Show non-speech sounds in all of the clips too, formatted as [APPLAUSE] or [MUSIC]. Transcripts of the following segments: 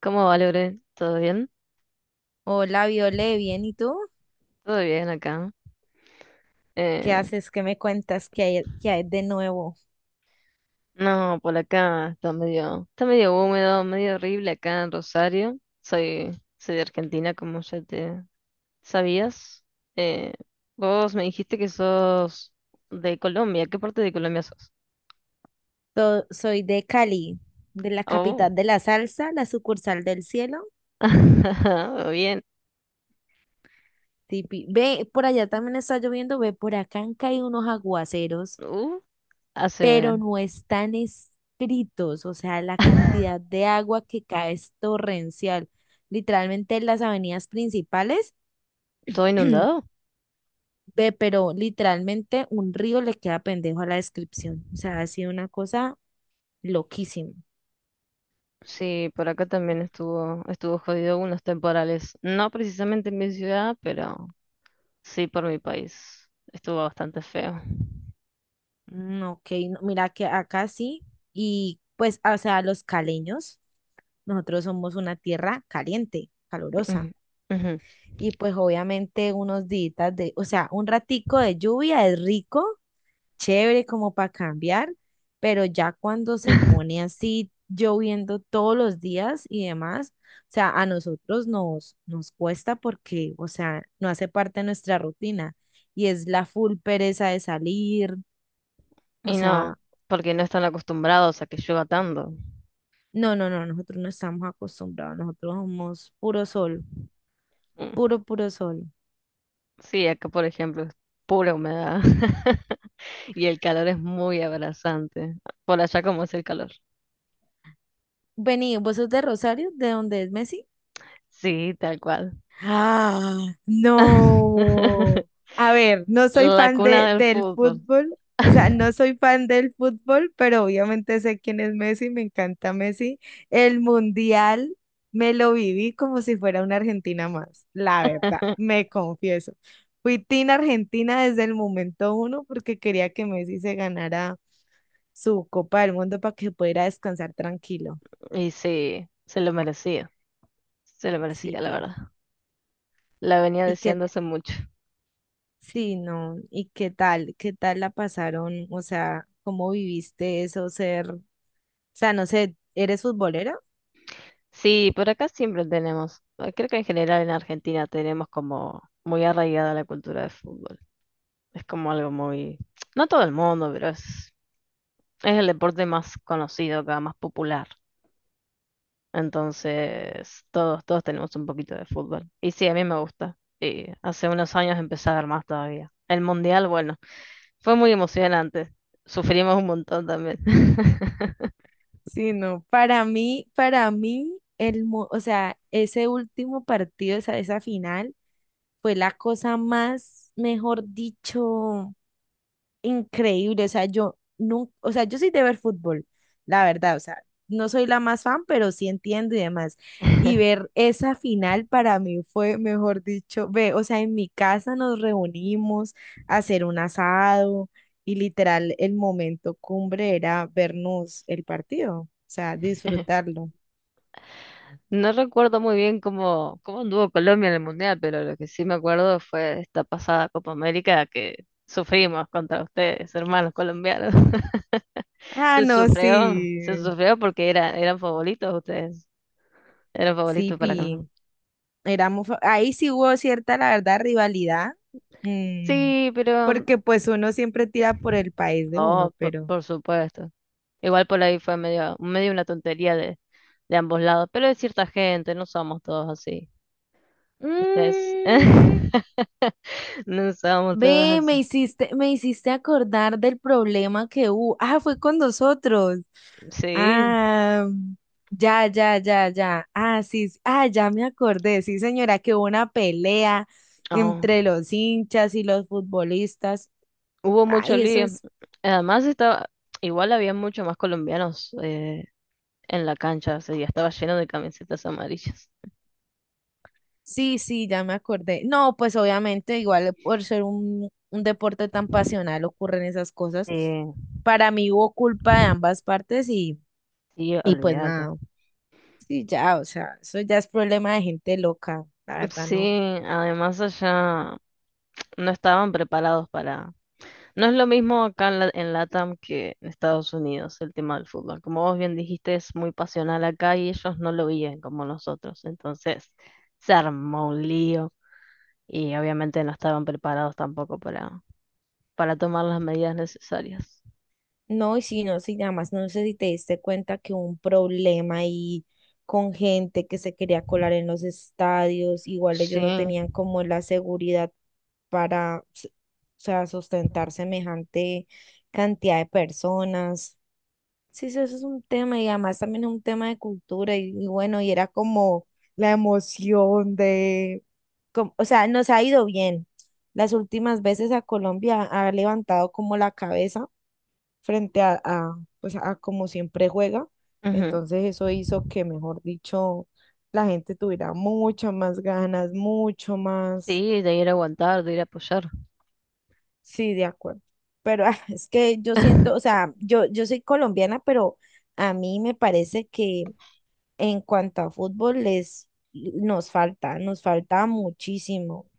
¿Cómo va, Lore? ¿Todo bien? Hola, Viole, bien, ¿y tú? Todo bien acá. ¿Qué Eh, haces? ¿Qué me cuentas? Qué hay de nuevo? no, por acá está medio húmedo, medio horrible acá en Rosario. Soy de Argentina, como ya te sabías. Eh, vos me dijiste que sos de Colombia. ¿Qué parte de Colombia sos? Soy de Cali, de la Oh, capital de la salsa, la sucursal del cielo. [LAUGHS] bien. Ve, por allá también está lloviendo, ve, por acá han caído unos aguaceros, Uh, pero Hace no están escritos, o sea, la cantidad [LAUGHS] de agua que cae es torrencial. Literalmente en las avenidas principales, ¿Todo [CLEARS THROAT] inundado? ve, pero literalmente un río le queda pendejo a la descripción, o sea, ha sido una cosa loquísima. Sí, por acá también estuvo jodido unos temporales. No precisamente en mi ciudad, pero sí, por mi país. Estuvo bastante feo. Mm, ok, no, mira que acá sí, y pues, o sea, los caleños, nosotros somos una tierra caliente, calurosa, Ujú, ujú. y pues obviamente unos días de, o sea, un ratico de lluvia es rico, chévere como para cambiar, pero ya cuando se pone [LAUGHS] así lloviendo todos los días y demás, o sea, a nosotros nos cuesta porque, o sea, no hace parte de nuestra rutina, y es la full pereza de salir. O Y no, sea, porque no están acostumbrados a que llueva tanto. no, no, no, nosotros no estamos acostumbrados, nosotros somos puro sol, Mm. puro sol. Sí, acá por ejemplo es pura humedad. [LAUGHS] Y el calor es muy abrasante. Por allá, ¿cómo es el calor? Vení, ¿vos sos de Rosario? ¿De dónde es Messi? Sí, tal cual. Ah, no. [LAUGHS] A ver, no soy La fan cuna de, del del fútbol. fútbol, o sea, no [LAUGHS] soy fan del fútbol, pero obviamente sé quién es Messi, me encanta Messi. El mundial me lo viví como si fuera una Argentina más, la verdad, me confieso. Fui team Argentina desde el momento uno porque quería que Messi se ganara su copa del mundo para que pudiera descansar tranquilo. Y sí, se lo merecía. Se lo Sí, merecía, la pi. verdad. La venía Y que, deseando hace mucho. sí, no, y qué tal la pasaron, o sea, cómo viviste eso, ser, o sea, no sé, ¿eres futbolera? Sí, por acá siempre tenemos, creo que en general en Argentina tenemos como muy arraigada la cultura de fútbol. Es como algo muy, no todo el mundo, pero es el deporte más conocido acá, más popular. Entonces, todos tenemos un poquito de fútbol. Y sí, a mí me gusta. Y hace unos años empecé a ver más todavía. El mundial, bueno, fue muy emocionante. Sufrimos un montón también. Sí, no, para mí, el, o sea, ese último partido, esa final, fue la cosa más, mejor dicho, increíble. O sea, yo nunca, o sea, yo soy de ver fútbol, la verdad. O sea, no soy la más fan, pero sí entiendo y demás. Y [LAUGHS] ver esa final para mí fue, mejor dicho, ve, o sea, en mi casa nos reunimos a hacer un asado y literal el momento cumbre era vernos el partido, o sea, disfrutarlo. No recuerdo muy bien cómo, cómo anduvo Colombia en el Mundial, pero lo que sí me acuerdo fue esta pasada Copa América que sufrimos contra ustedes, hermanos colombianos. [LAUGHS] Ah, no, se sí, sufrió porque era, eran favoritos ustedes, eran sí, favoritos para ganar. pi. Éramos, ahí sí hubo cierta, la verdad, rivalidad. Mm, Sí, pero porque pues uno siempre tira por el país de uno, no, pero por supuesto. Igual por ahí fue medio, medio una tontería de ambos lados, pero de cierta gente, no somos todos así. Ustedes, mm, [LAUGHS] no somos todos ve, así. me hiciste acordar del problema que hubo. Ah, fue con nosotros. Sí. Ah, ya, ya, ya, ya. Ah, sí, sí, ah, ya me acordé. Sí, señora, que hubo una pelea Oh. entre los hinchas y los futbolistas. Hubo mucho Ay, eso lío. es. Además estaba, igual había mucho más colombianos en la cancha, o sea, ya estaba lleno de camisetas amarillas. Sí, sí, ya me acordé. No, pues obviamente, igual por ser un deporte tan pasional ocurren esas cosas. Sí, Para mí hubo culpa de ambas partes sí, y pues olvídate. nada. Sí, ya, o sea, eso ya es problema de gente loca, la verdad, Sí, no. además allá no estaban preparados para... No es lo mismo acá en, en LATAM que en Estados Unidos el tema del fútbol. Como vos bien dijiste, es muy pasional acá y ellos no lo viven como nosotros. Entonces se armó un lío y obviamente no estaban preparados tampoco para tomar las medidas necesarias. No, y si no, si nada más no sé si te diste cuenta que hubo un problema ahí con gente que se quería colar en los estadios, igual Sí, ellos no tenían como la seguridad para, o sea, sustentar semejante cantidad de personas. Sí, sí, eso es un tema y además también es un tema de cultura y bueno, y era como la emoción de, o sea, nos ha ido bien. Las últimas veces a Colombia ha levantado como la cabeza frente a, pues a como siempre juega. ujú. Entonces eso hizo que, mejor dicho, la gente tuviera mucho más ganas, mucho Sí, más, de ir a aguantar, de ir a apoyar. sí, de acuerdo. Pero ah, es que yo siento, o [LAUGHS] sea, yo soy colombiana, pero a mí me parece que en cuanto a fútbol les nos falta muchísimo,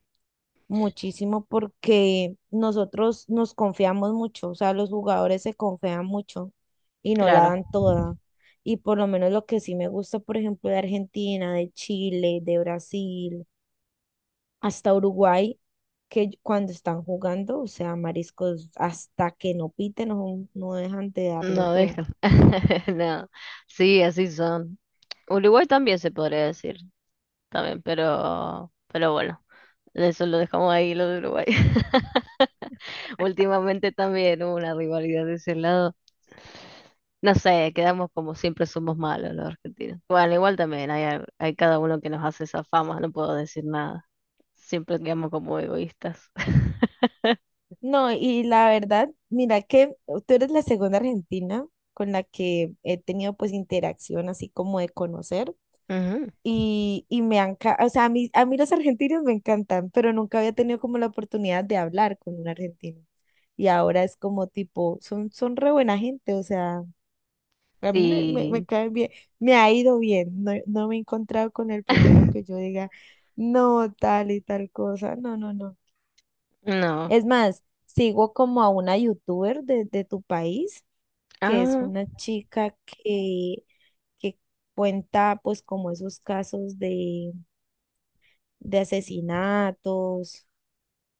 muchísimo porque nosotros nos confiamos mucho, o sea, los jugadores se confían mucho y no la Claro, dan toda. Y por lo menos lo que sí me gusta, por ejemplo, de Argentina, de Chile, de Brasil, hasta Uruguay, que cuando están jugando, o sea, mariscos, hasta que no piten, no, no dejan de darlo no todo. deja. [LAUGHS] No, sí, así son. Uruguay también se podría decir, también, pero bueno, eso lo dejamos ahí, lo de Uruguay. [LAUGHS] Últimamente también hubo una rivalidad de ese lado. No sé, quedamos como siempre somos malos los argentinos. Bueno, igual también hay, hay cada uno que nos hace esa fama, no puedo decir nada. Siempre quedamos como egoístas. [LAUGHS] No, y la verdad, mira que tú eres la segunda argentina con la que he tenido pues interacción así como de conocer. Ujú. Y, y me han, o sea, a mí los argentinos me encantan, pero nunca había tenido como la oportunidad de hablar con un argentino. Y ahora es como tipo, son, son re buena gente, o sea, a mí me, me, me Y caen bien, me ha ido bien, no, no me he encontrado con el primero que [LAUGHS] yo diga, no, tal y tal cosa, no, no, no. no. Es más, sigo como a una youtuber de tu país, que es Ah. una chica que cuenta pues como esos casos de asesinatos,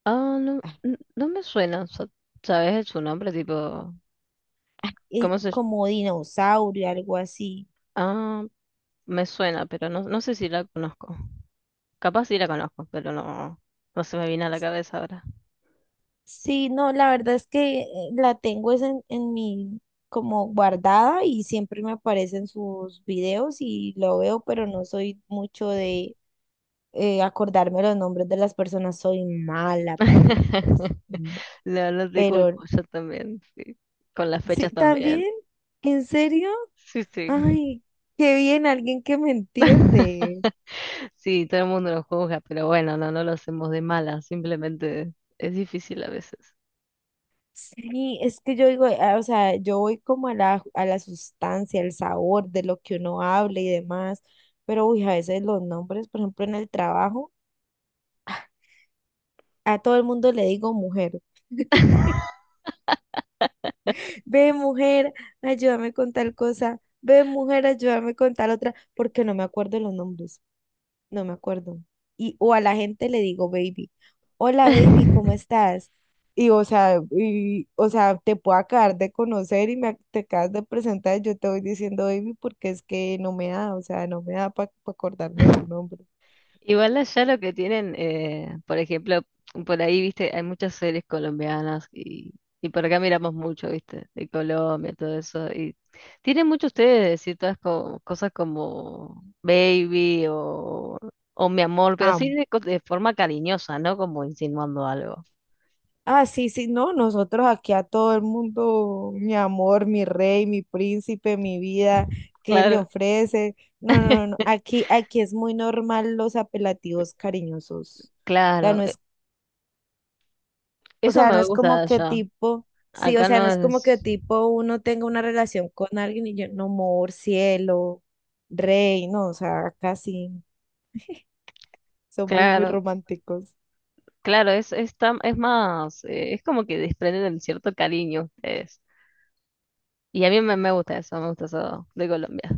Ah, no, ah, no me suena, ¿sabes su nombre? Tipo, y ¿cómo se...? como dinosaurio, algo así. Ah, me suena, pero no, no sé si la conozco. Capaz sí la conozco, pero no, no se me viene a la cabeza ahora. Sí, no, la verdad es que la tengo es en mi como guardada y siempre me aparecen sus videos y lo veo, pero no soy mucho de acordarme los nombres de las personas, soy mala para los nombres. [LAUGHS] No, no te Pero culpo, yo también, sí. Con las fechas sí, también. también, ¿en serio? Sí, sí. Ay, qué bien, alguien que me [LAUGHS] entiende. Sí, todo el mundo lo juzga, pero bueno, no, no lo hacemos de mala, simplemente es difícil a veces. Sí, es que yo digo, ah, o sea, yo voy como a la sustancia, el sabor de lo que uno habla y demás, pero uy, a veces los nombres, por ejemplo, en el trabajo, a todo el mundo le digo mujer, ve mujer, ayúdame con tal cosa, ve mujer, ayúdame con tal otra, porque no me acuerdo los nombres, no me acuerdo. Y, o a la gente le digo baby, hola baby, [LAUGHS] ¿cómo estás? Y, o sea, te puedo acabar de conocer y me te acabas de presentar, yo te voy diciendo baby porque es que no me da, o sea, no me da para acordarme de tu nombre. Igual allá lo que tienen, por ejemplo, por ahí, viste, hay muchas series colombianas y por acá miramos mucho, viste, de Colombia, todo eso. Y tienen mucho ustedes de decir todas cosas como baby o mi amor, pero así Amo. de, de forma cariñosa, ¿no? Como insinuando algo. Ah, sí, sí, no, nosotros aquí a todo el mundo, mi amor, mi rey, mi príncipe, mi vida, ¿qué le Claro. ofrece? No, no, no, no, [LAUGHS] aquí, aquí es muy normal los apelativos cariñosos. O sea, Claro, no es, o eso sea, no me es gusta de como que allá. tipo, sí, o Acá sea, no no es como es. que tipo uno tenga una relación con alguien y yo, no, amor, cielo, rey, no, o sea, casi somos muy Claro, románticos. claro, es, es más, es como que desprenden cierto cariño ustedes. Y a mí me, me gusta eso de Colombia.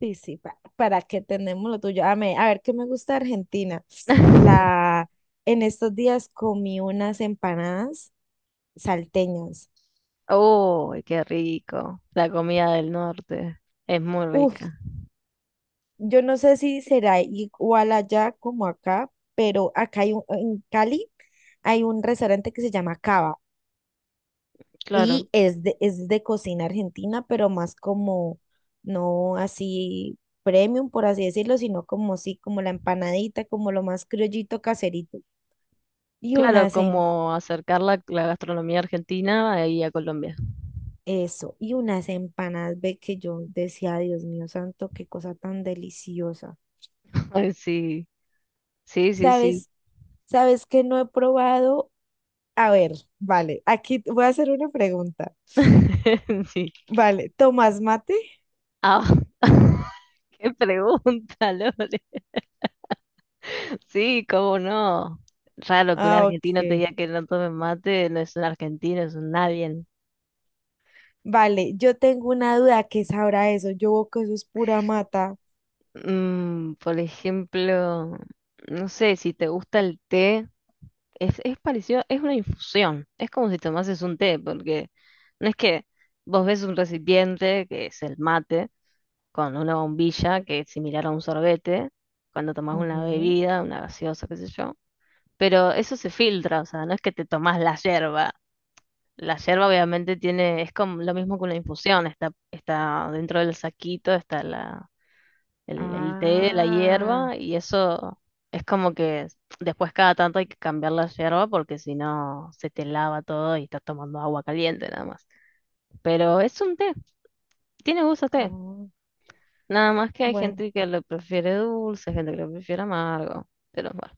Sí, sí, para, que tenemos lo tuyo. A, a ver, ¿qué me gusta de Argentina? [LAUGHS] La, en estos días comí unas empanadas salteñas. Uy, qué rico. La comida del norte es muy Uf, rica. yo no sé si será igual allá como acá, pero acá hay un, en Cali hay un restaurante que se llama Cava. Claro, Y es de cocina argentina, pero más como, no así premium, por así decirlo, sino como sí, como la empanadita, como lo más criollito caserito. Y claro, unas, como acercar la, la gastronomía argentina ahí a Colombia. eso, y unas empanadas, ve que yo decía, Dios mío santo, qué cosa tan deliciosa. [LAUGHS] Ay, sí, sí, sí, sí. ¿Sabes? ¿Sabes que no he probado? A ver, vale, aquí te voy a hacer una pregunta. [LAUGHS] Sí. Vale, ¿tomas mate? Ah, [LAUGHS] qué pregunta, Lore. Sí, cómo no. Raro que un Ah, argentino te ok. diga que no tome mate, no es un argentino, es un nadie. Vale, yo tengo una duda, ¿qué sabrá eso? Yo veo que eso es pura mata. Mm, por ejemplo, no sé, si te gusta el té, es parecido, es una infusión, es como si tomases un té, porque no es que vos ves un recipiente, que es el mate, con una bombilla, que es similar a un sorbete, cuando tomás una Ujú. bebida, una gaseosa, qué sé yo, pero eso se filtra, o sea, no es que te tomás la yerba. La yerba obviamente tiene, es como lo mismo que una infusión, está, está dentro del saquito, está el té, la Ah, hierba, y eso es como que después cada tanto hay que cambiar la hierba porque si no se te lava todo y estás tomando agua caliente nada más. Pero es un té, tiene gusto a té. oh, Nada más que hay bueno. gente que lo prefiere dulce, gente que lo prefiere amargo. Pero bueno,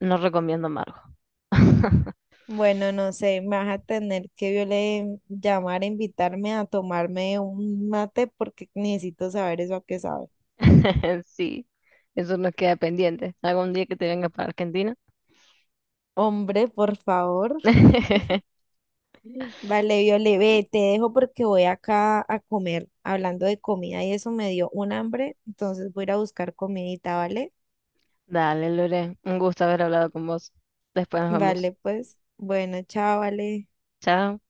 no recomiendo amargo. [LAUGHS] Bueno, no sé, me vas a tener que yo llamar a invitarme a tomarme un mate porque necesito saber eso a qué sabe. Sí, eso nos queda pendiente. Algún día que te vengas para Argentina. Hombre, por favor. [LAUGHS] Vale, Viole, ve, te dejo porque voy acá a comer. Hablando de comida y eso me dio un hambre, entonces voy a ir a buscar comidita, ¿vale? Dale, Lore, un gusto haber hablado con vos. Después nos vemos. Vale, pues, bueno, chao, vale. Chao.